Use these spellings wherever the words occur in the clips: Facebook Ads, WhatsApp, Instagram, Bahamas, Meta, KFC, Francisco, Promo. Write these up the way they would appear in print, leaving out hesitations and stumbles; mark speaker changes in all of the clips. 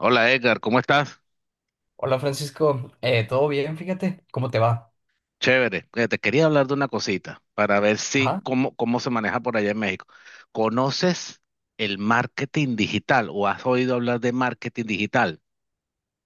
Speaker 1: Hola Edgar, ¿cómo estás?
Speaker 2: Hola Francisco, ¿todo bien? Fíjate, ¿cómo te va?
Speaker 1: Chévere. Te quería hablar de una cosita para ver si
Speaker 2: Ajá.
Speaker 1: cómo se maneja por allá en México. ¿Conoces el marketing digital o has oído hablar de marketing digital?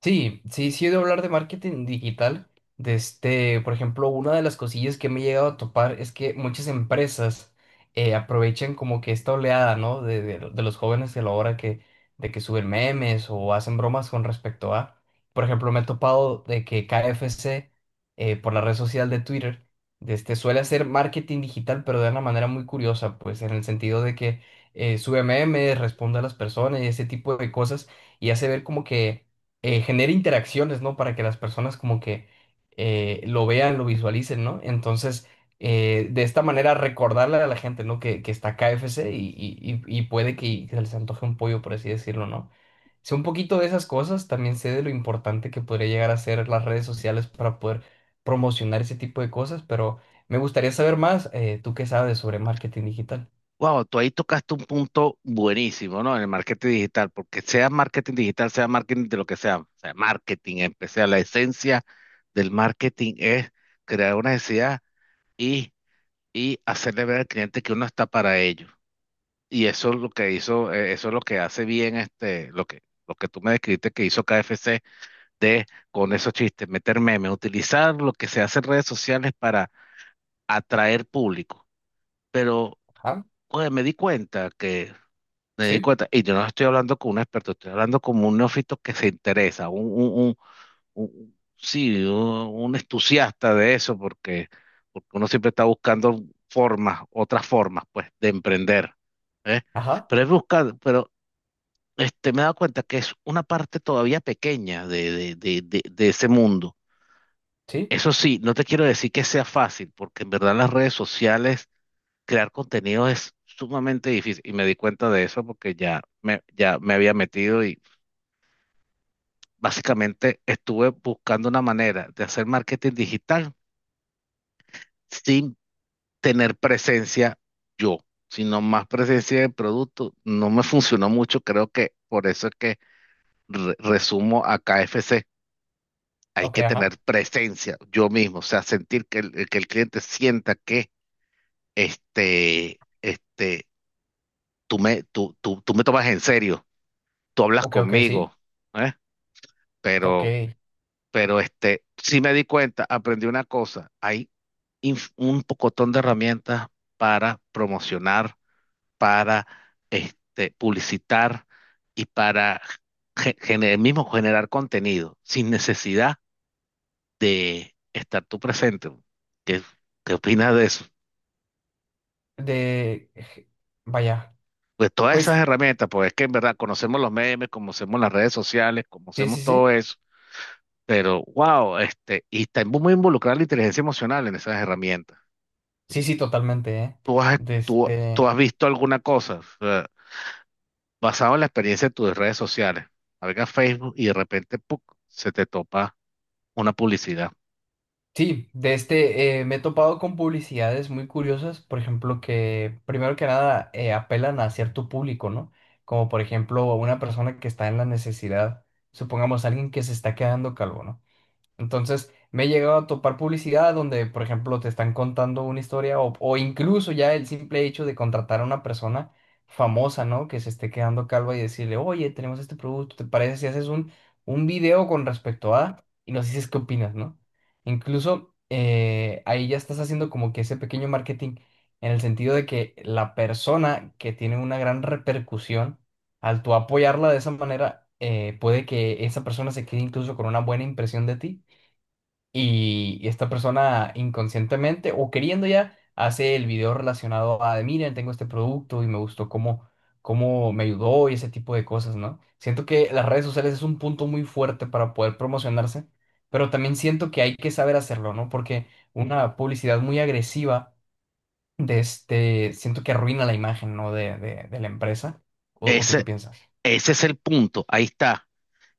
Speaker 2: Sí, sí, sí he de hablar de marketing digital. Por ejemplo, una de las cosillas que me he llegado a topar es que muchas empresas aprovechan como que esta oleada, ¿no? De los jóvenes de la hora que, de que suben memes o hacen bromas con respecto a. Por ejemplo, me he topado de que KFC por la red social de Twitter, suele hacer marketing digital, pero de una manera muy curiosa, pues en el sentido de que sube memes, responde a las personas y ese tipo de cosas y hace ver como que genere interacciones, ¿no? Para que las personas como que lo vean, lo visualicen, ¿no? Entonces, de esta manera recordarle a la gente, ¿no? Que está KFC y puede que se les antoje un pollo, por así decirlo, ¿no? Sé un poquito de esas cosas, también sé de lo importante que podría llegar a ser las redes sociales para poder promocionar ese tipo de cosas, pero me gustaría saber más, ¿tú qué sabes sobre marketing digital?
Speaker 1: Wow, tú ahí tocaste un punto buenísimo, ¿no? En el marketing digital, porque sea marketing digital, sea marketing de lo que sea, o sea marketing, empecé la esencia del marketing es crear una necesidad y, y hacerle ver al cliente que uno está para ello. Y eso es lo que hizo, eso es lo que hace bien lo lo que tú me describiste que hizo KFC de, con esos chistes, meter memes, utilizar lo que se hace en redes sociales para atraer público. Pero,
Speaker 2: Ajá,
Speaker 1: pues, me di cuenta me di
Speaker 2: sí,
Speaker 1: cuenta, y yo no estoy hablando con un experto, estoy hablando como un neófito que se interesa, sí, un entusiasta de eso, porque uno siempre está buscando formas, otras formas, pues, de emprender.
Speaker 2: ajá,
Speaker 1: Pero es buscar, pero me he dado cuenta que es una parte todavía pequeña de ese mundo.
Speaker 2: sí,
Speaker 1: Eso sí, no te quiero decir que sea fácil, porque en verdad en las redes sociales crear contenido es sumamente difícil. Y me di cuenta de eso porque ya me había metido y básicamente estuve buscando una manera de hacer marketing digital sin tener presencia yo, sino más presencia de producto. No me funcionó mucho, creo que por eso es que resumo a KFC, hay
Speaker 2: ok,
Speaker 1: que
Speaker 2: ajá,
Speaker 1: tener presencia yo mismo, o sea, sentir que que el cliente sienta que este, este, tú tú me tomas en serio, tú hablas
Speaker 2: ok, ok, sí,
Speaker 1: conmigo, ¿eh?
Speaker 2: ok.
Speaker 1: Pero, pero sí me di cuenta, aprendí una cosa, hay un pocotón de herramientas para promocionar, para publicitar y para ge- gener- mismo generar contenido sin necesidad de estar tú presente. ¿Qué, ¿qué opinas de eso?
Speaker 2: De, vaya,
Speaker 1: Pues todas
Speaker 2: pues
Speaker 1: esas herramientas, pues es que en verdad conocemos los memes, conocemos las redes sociales,
Speaker 2: sí,
Speaker 1: conocemos
Speaker 2: sí,
Speaker 1: todo
Speaker 2: sí,
Speaker 1: eso, pero wow, y está muy involucrada la inteligencia emocional en esas herramientas.
Speaker 2: sí, sí, totalmente, ¿eh?
Speaker 1: ¿Tú has,
Speaker 2: De
Speaker 1: ¿Tú
Speaker 2: este,
Speaker 1: has visto alguna cosa, o sea, ¿basado en la experiencia de tus redes sociales? Navegas Facebook y de repente ¡puc!, se te topa una publicidad.
Speaker 2: sí, de este, me he topado con publicidades muy curiosas, por ejemplo, que primero que nada apelan a cierto público, ¿no? Como por ejemplo a una persona que está en la necesidad, supongamos alguien que se está quedando calvo, ¿no? Entonces, me he llegado a topar publicidad donde, por ejemplo, te están contando una historia o incluso ya el simple hecho de contratar a una persona famosa, ¿no? Que se esté quedando calva y decirle, oye, tenemos este producto, ¿te parece si haces un video con respecto a... y nos dices qué opinas, ¿no? Incluso ahí ya estás haciendo como que ese pequeño marketing en el sentido de que la persona que tiene una gran repercusión, al tú apoyarla de esa manera, puede que esa persona se quede incluso con una buena impresión de ti y esta persona inconscientemente o queriendo ya hace el video relacionado a, de, miren, tengo este producto y me gustó cómo, cómo me ayudó y ese tipo de cosas, ¿no? Siento que las redes sociales es un punto muy fuerte para poder promocionarse, pero también siento que hay que saber hacerlo, ¿no? Porque una publicidad muy agresiva siento que arruina la imagen, ¿no? De la empresa. O tú qué
Speaker 1: Ese,
Speaker 2: piensas?
Speaker 1: Ese es el punto, ahí está.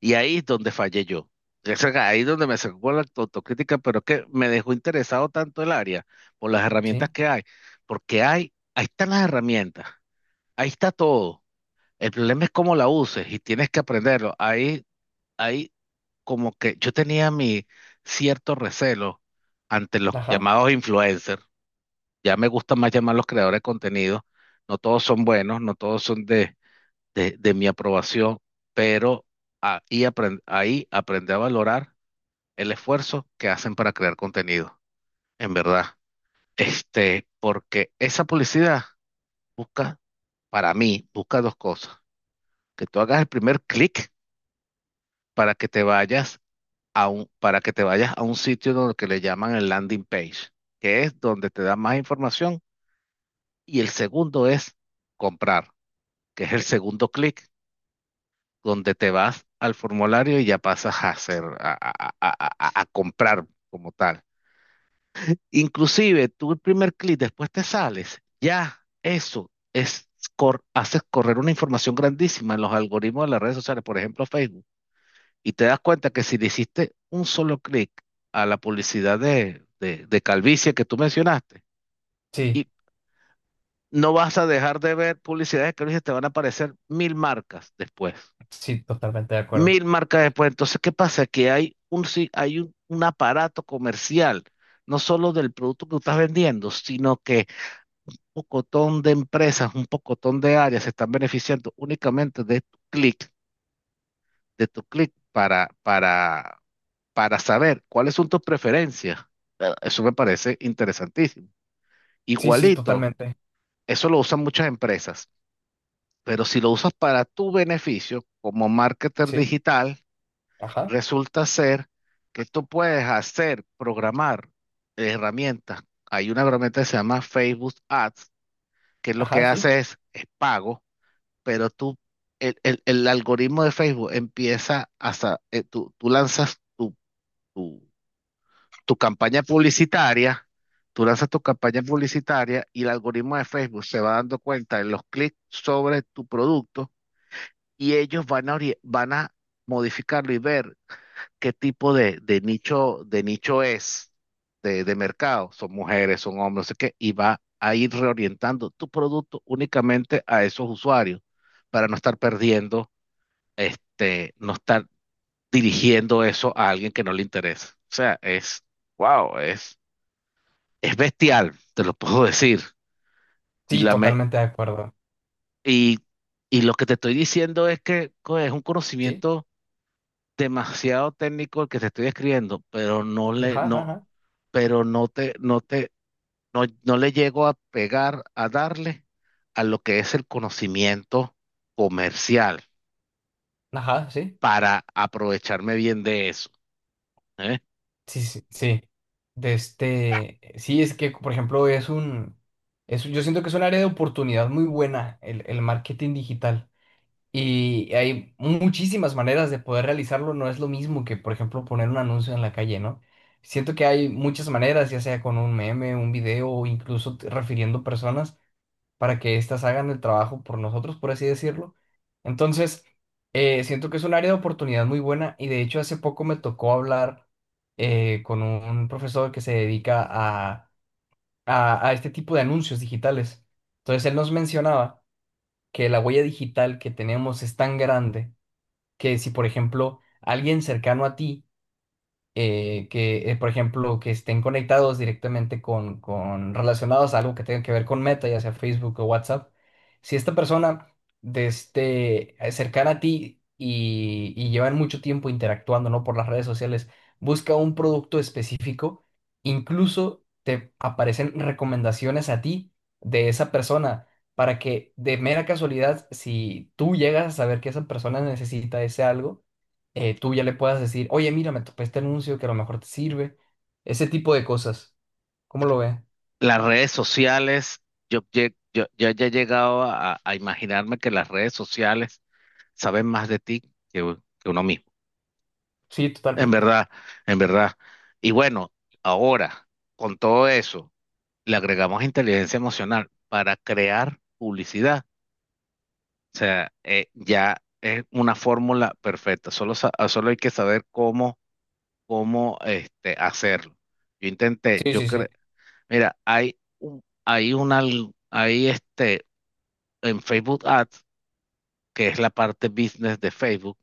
Speaker 1: Y ahí es donde fallé yo. Es ahí es donde me sacó la autocrítica, pero es que me dejó interesado tanto el área por las
Speaker 2: ¿Sí?
Speaker 1: herramientas que hay, porque ahí están las herramientas, ahí está todo. El problema es cómo la uses y tienes que aprenderlo. Ahí como que yo tenía mi cierto recelo ante los
Speaker 2: Ajá.
Speaker 1: llamados influencers. Ya me gusta más llamar los creadores de contenido. No todos son buenos, no todos son de mi aprobación, pero ahí aprendí a valorar el esfuerzo que hacen para crear contenido, en verdad. Porque esa publicidad busca, para mí, busca dos cosas. Que tú hagas el primer clic para que te vayas a para que te vayas a un sitio donde que le llaman el landing page, que es donde te da más información. Y el segundo es comprar, que es el segundo clic donde te vas al formulario y ya pasas a hacer, a comprar como tal. Inclusive, tú el primer clic, después te sales, ya eso es, haces correr una información grandísima en los algoritmos de las redes sociales, por ejemplo Facebook, y te das cuenta que si le hiciste un solo clic a la publicidad de calvicie que tú mencionaste,
Speaker 2: Sí,
Speaker 1: y no vas a dejar de ver publicidades de calvicie, te van a aparecer mil marcas después.
Speaker 2: sí, totalmente de acuerdo.
Speaker 1: Mil marcas después. Entonces, ¿qué pasa? Que hay un, si- hay un aparato comercial, no solo del producto que tú estás vendiendo, sino que un pocotón de empresas, un pocotón de áreas se están beneficiando únicamente de tu clic para saber cuáles son tus preferencias. Eso me parece interesantísimo.
Speaker 2: Sí, sí,
Speaker 1: Igualito,
Speaker 2: totalmente.
Speaker 1: eso lo usan muchas empresas, pero si lo usas para tu beneficio como marketer
Speaker 2: Sí.
Speaker 1: digital,
Speaker 2: Ajá.
Speaker 1: resulta ser que tú puedes hacer, programar herramientas. Hay una herramienta que se llama Facebook Ads, que lo
Speaker 2: Ajá,
Speaker 1: que
Speaker 2: sí.
Speaker 1: hace es pago, pero tú, el algoritmo de Facebook empieza tú lanzas tu, tu campaña publicitaria, tú lanzas tu campaña publicitaria y el algoritmo de Facebook se va dando cuenta de los clics sobre tu producto y ellos van a van a modificarlo y ver qué tipo de nicho es de mercado. Son mujeres, son hombres, no sé qué, y va a ir reorientando tu producto únicamente a esos usuarios para no estar perdiendo, no estar dirigiendo eso a alguien que no le interesa. O sea, wow, es bestial, te lo puedo decir. Y
Speaker 2: Sí,
Speaker 1: la me,
Speaker 2: totalmente de acuerdo.
Speaker 1: y, y lo que te estoy diciendo es que es un
Speaker 2: Sí.
Speaker 1: conocimiento demasiado técnico el que te estoy escribiendo, pero no le,
Speaker 2: Ajá, ajá,
Speaker 1: no,
Speaker 2: ajá.
Speaker 1: pero no te, no te, no, no le llego a pegar, a darle a lo que es el conocimiento comercial
Speaker 2: Ajá, sí.
Speaker 1: para aprovecharme bien de eso. ¿Eh?
Speaker 2: Sí, sí, sí. Es que, por ejemplo, es, yo siento que es un área de oportunidad muy buena el marketing digital. Y hay muchísimas maneras de poder realizarlo. No es lo mismo que, por ejemplo, poner un anuncio en la calle, ¿no? Siento que hay muchas maneras, ya sea con un meme, un video o incluso refiriendo personas, para que éstas hagan el trabajo por nosotros, por así decirlo. Entonces, siento que es un área de oportunidad muy buena y de hecho hace poco me tocó hablar con un profesor que se dedica a este tipo de anuncios digitales. Entonces, él nos mencionaba que la huella digital que tenemos es tan grande que si, por ejemplo, alguien cercano a ti, por ejemplo, que estén conectados directamente con relacionados a algo que tenga que ver con Meta, ya sea Facebook o WhatsApp. Si esta persona cercana a ti y llevan mucho tiempo interactuando, ¿no? Por las redes sociales, busca un producto específico, incluso te aparecen recomendaciones a ti de esa persona, para que de mera casualidad, si tú llegas a saber que esa persona necesita ese algo, tú ya le puedas decir, oye, mira, me topé este anuncio que a lo mejor te sirve. Ese tipo de cosas. ¿Cómo lo ve?
Speaker 1: Las redes sociales, yo ya he llegado a imaginarme que las redes sociales saben más de ti que uno mismo.
Speaker 2: Sí,
Speaker 1: En
Speaker 2: totalmente.
Speaker 1: verdad, en verdad. Y bueno, ahora, con todo eso le agregamos inteligencia emocional para crear publicidad. O sea, ya es una fórmula perfecta. Solo hay que saber cómo hacerlo. Yo intenté,
Speaker 2: Sí,
Speaker 1: yo
Speaker 2: sí,
Speaker 1: creo,
Speaker 2: sí.
Speaker 1: mira, hay, un- hay una, al- hay este, en Facebook Ads, que es la parte business de Facebook,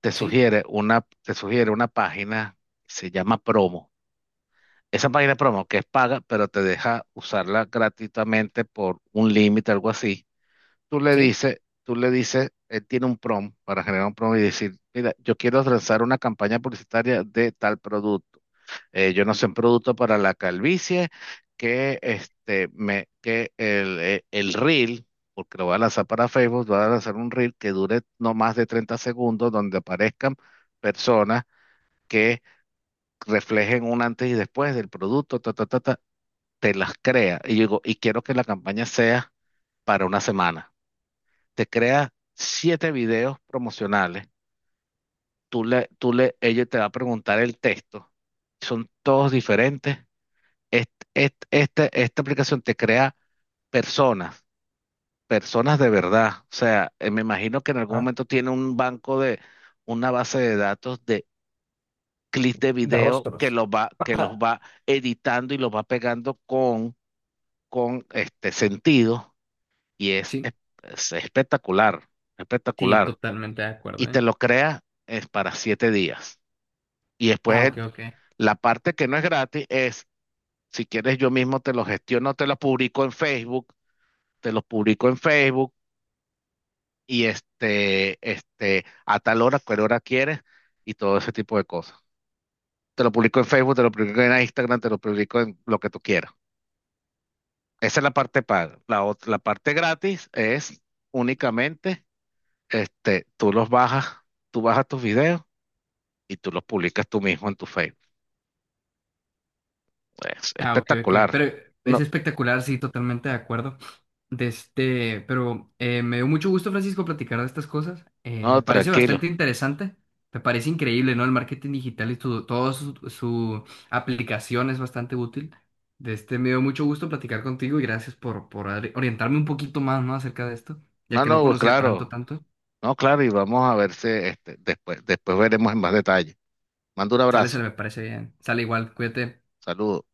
Speaker 1: te
Speaker 2: Sí,
Speaker 1: sugiere te sugiere una página, se llama Promo. Esa página promo que es paga, pero te deja usarla gratuitamente por un límite, algo así. Tú le
Speaker 2: sí.
Speaker 1: dices, él tiene un prom para generar un prom y decir, mira, yo quiero lanzar una campaña publicitaria de tal producto. Yo no sé, un producto para la calvicie que este me que el reel, porque lo voy a lanzar para Facebook, voy a lanzar un reel que dure no más de 30 segundos donde aparezcan personas que reflejen un antes y después del producto, ta, ta, ta, ta, te las crea. Y yo digo, y quiero que la campaña sea para una semana, te crea 7 videos promocionales. Ella te va a preguntar el texto. Son todos diferentes. Esta aplicación te crea personas, personas de verdad. O sea, me imagino que en algún
Speaker 2: Ah,
Speaker 1: momento tiene un banco de una base de datos de clips de
Speaker 2: de
Speaker 1: video que
Speaker 2: rostros.
Speaker 1: los
Speaker 2: Ajá.
Speaker 1: va editando y los va pegando con este sentido. Y
Speaker 2: Sí,
Speaker 1: es espectacular,
Speaker 2: sí,
Speaker 1: espectacular.
Speaker 2: totalmente de acuerdo,
Speaker 1: Y
Speaker 2: ¿eh?
Speaker 1: te lo crea es para 7 días. Y
Speaker 2: Ah,
Speaker 1: después,
Speaker 2: ok, ok.
Speaker 1: la parte que no es gratis es, si quieres yo mismo te lo gestiono, te lo publico en Facebook, te lo publico en Facebook y a tal hora, cual hora quieres y todo ese tipo de cosas. Te lo publico en Facebook, te lo publico en Instagram, te lo publico en lo que tú quieras. Esa es la parte paga. La parte gratis es únicamente, tú los bajas, tú bajas tus videos y tú los publicas tú mismo en tu Facebook. Es
Speaker 2: Ah, ok, ok.
Speaker 1: espectacular.
Speaker 2: Pero es
Speaker 1: No,
Speaker 2: espectacular, sí, totalmente de acuerdo. Pero me dio mucho gusto, Francisco, platicar de estas cosas. Me
Speaker 1: no,
Speaker 2: parece bastante
Speaker 1: tranquilo.
Speaker 2: interesante. Me parece increíble, ¿no? El marketing digital y todo su, su aplicación es bastante útil. Me dio mucho gusto platicar contigo y gracias por orientarme un poquito más, ¿no? Acerca de esto, ya
Speaker 1: No,
Speaker 2: que no
Speaker 1: no, pues
Speaker 2: conocía tanto,
Speaker 1: claro.
Speaker 2: tanto.
Speaker 1: No, claro, y vamos a verse después, después veremos en más detalle. Mando un
Speaker 2: Sale, se
Speaker 1: abrazo.
Speaker 2: me parece bien. Sale igual, cuídate.
Speaker 1: Saludos.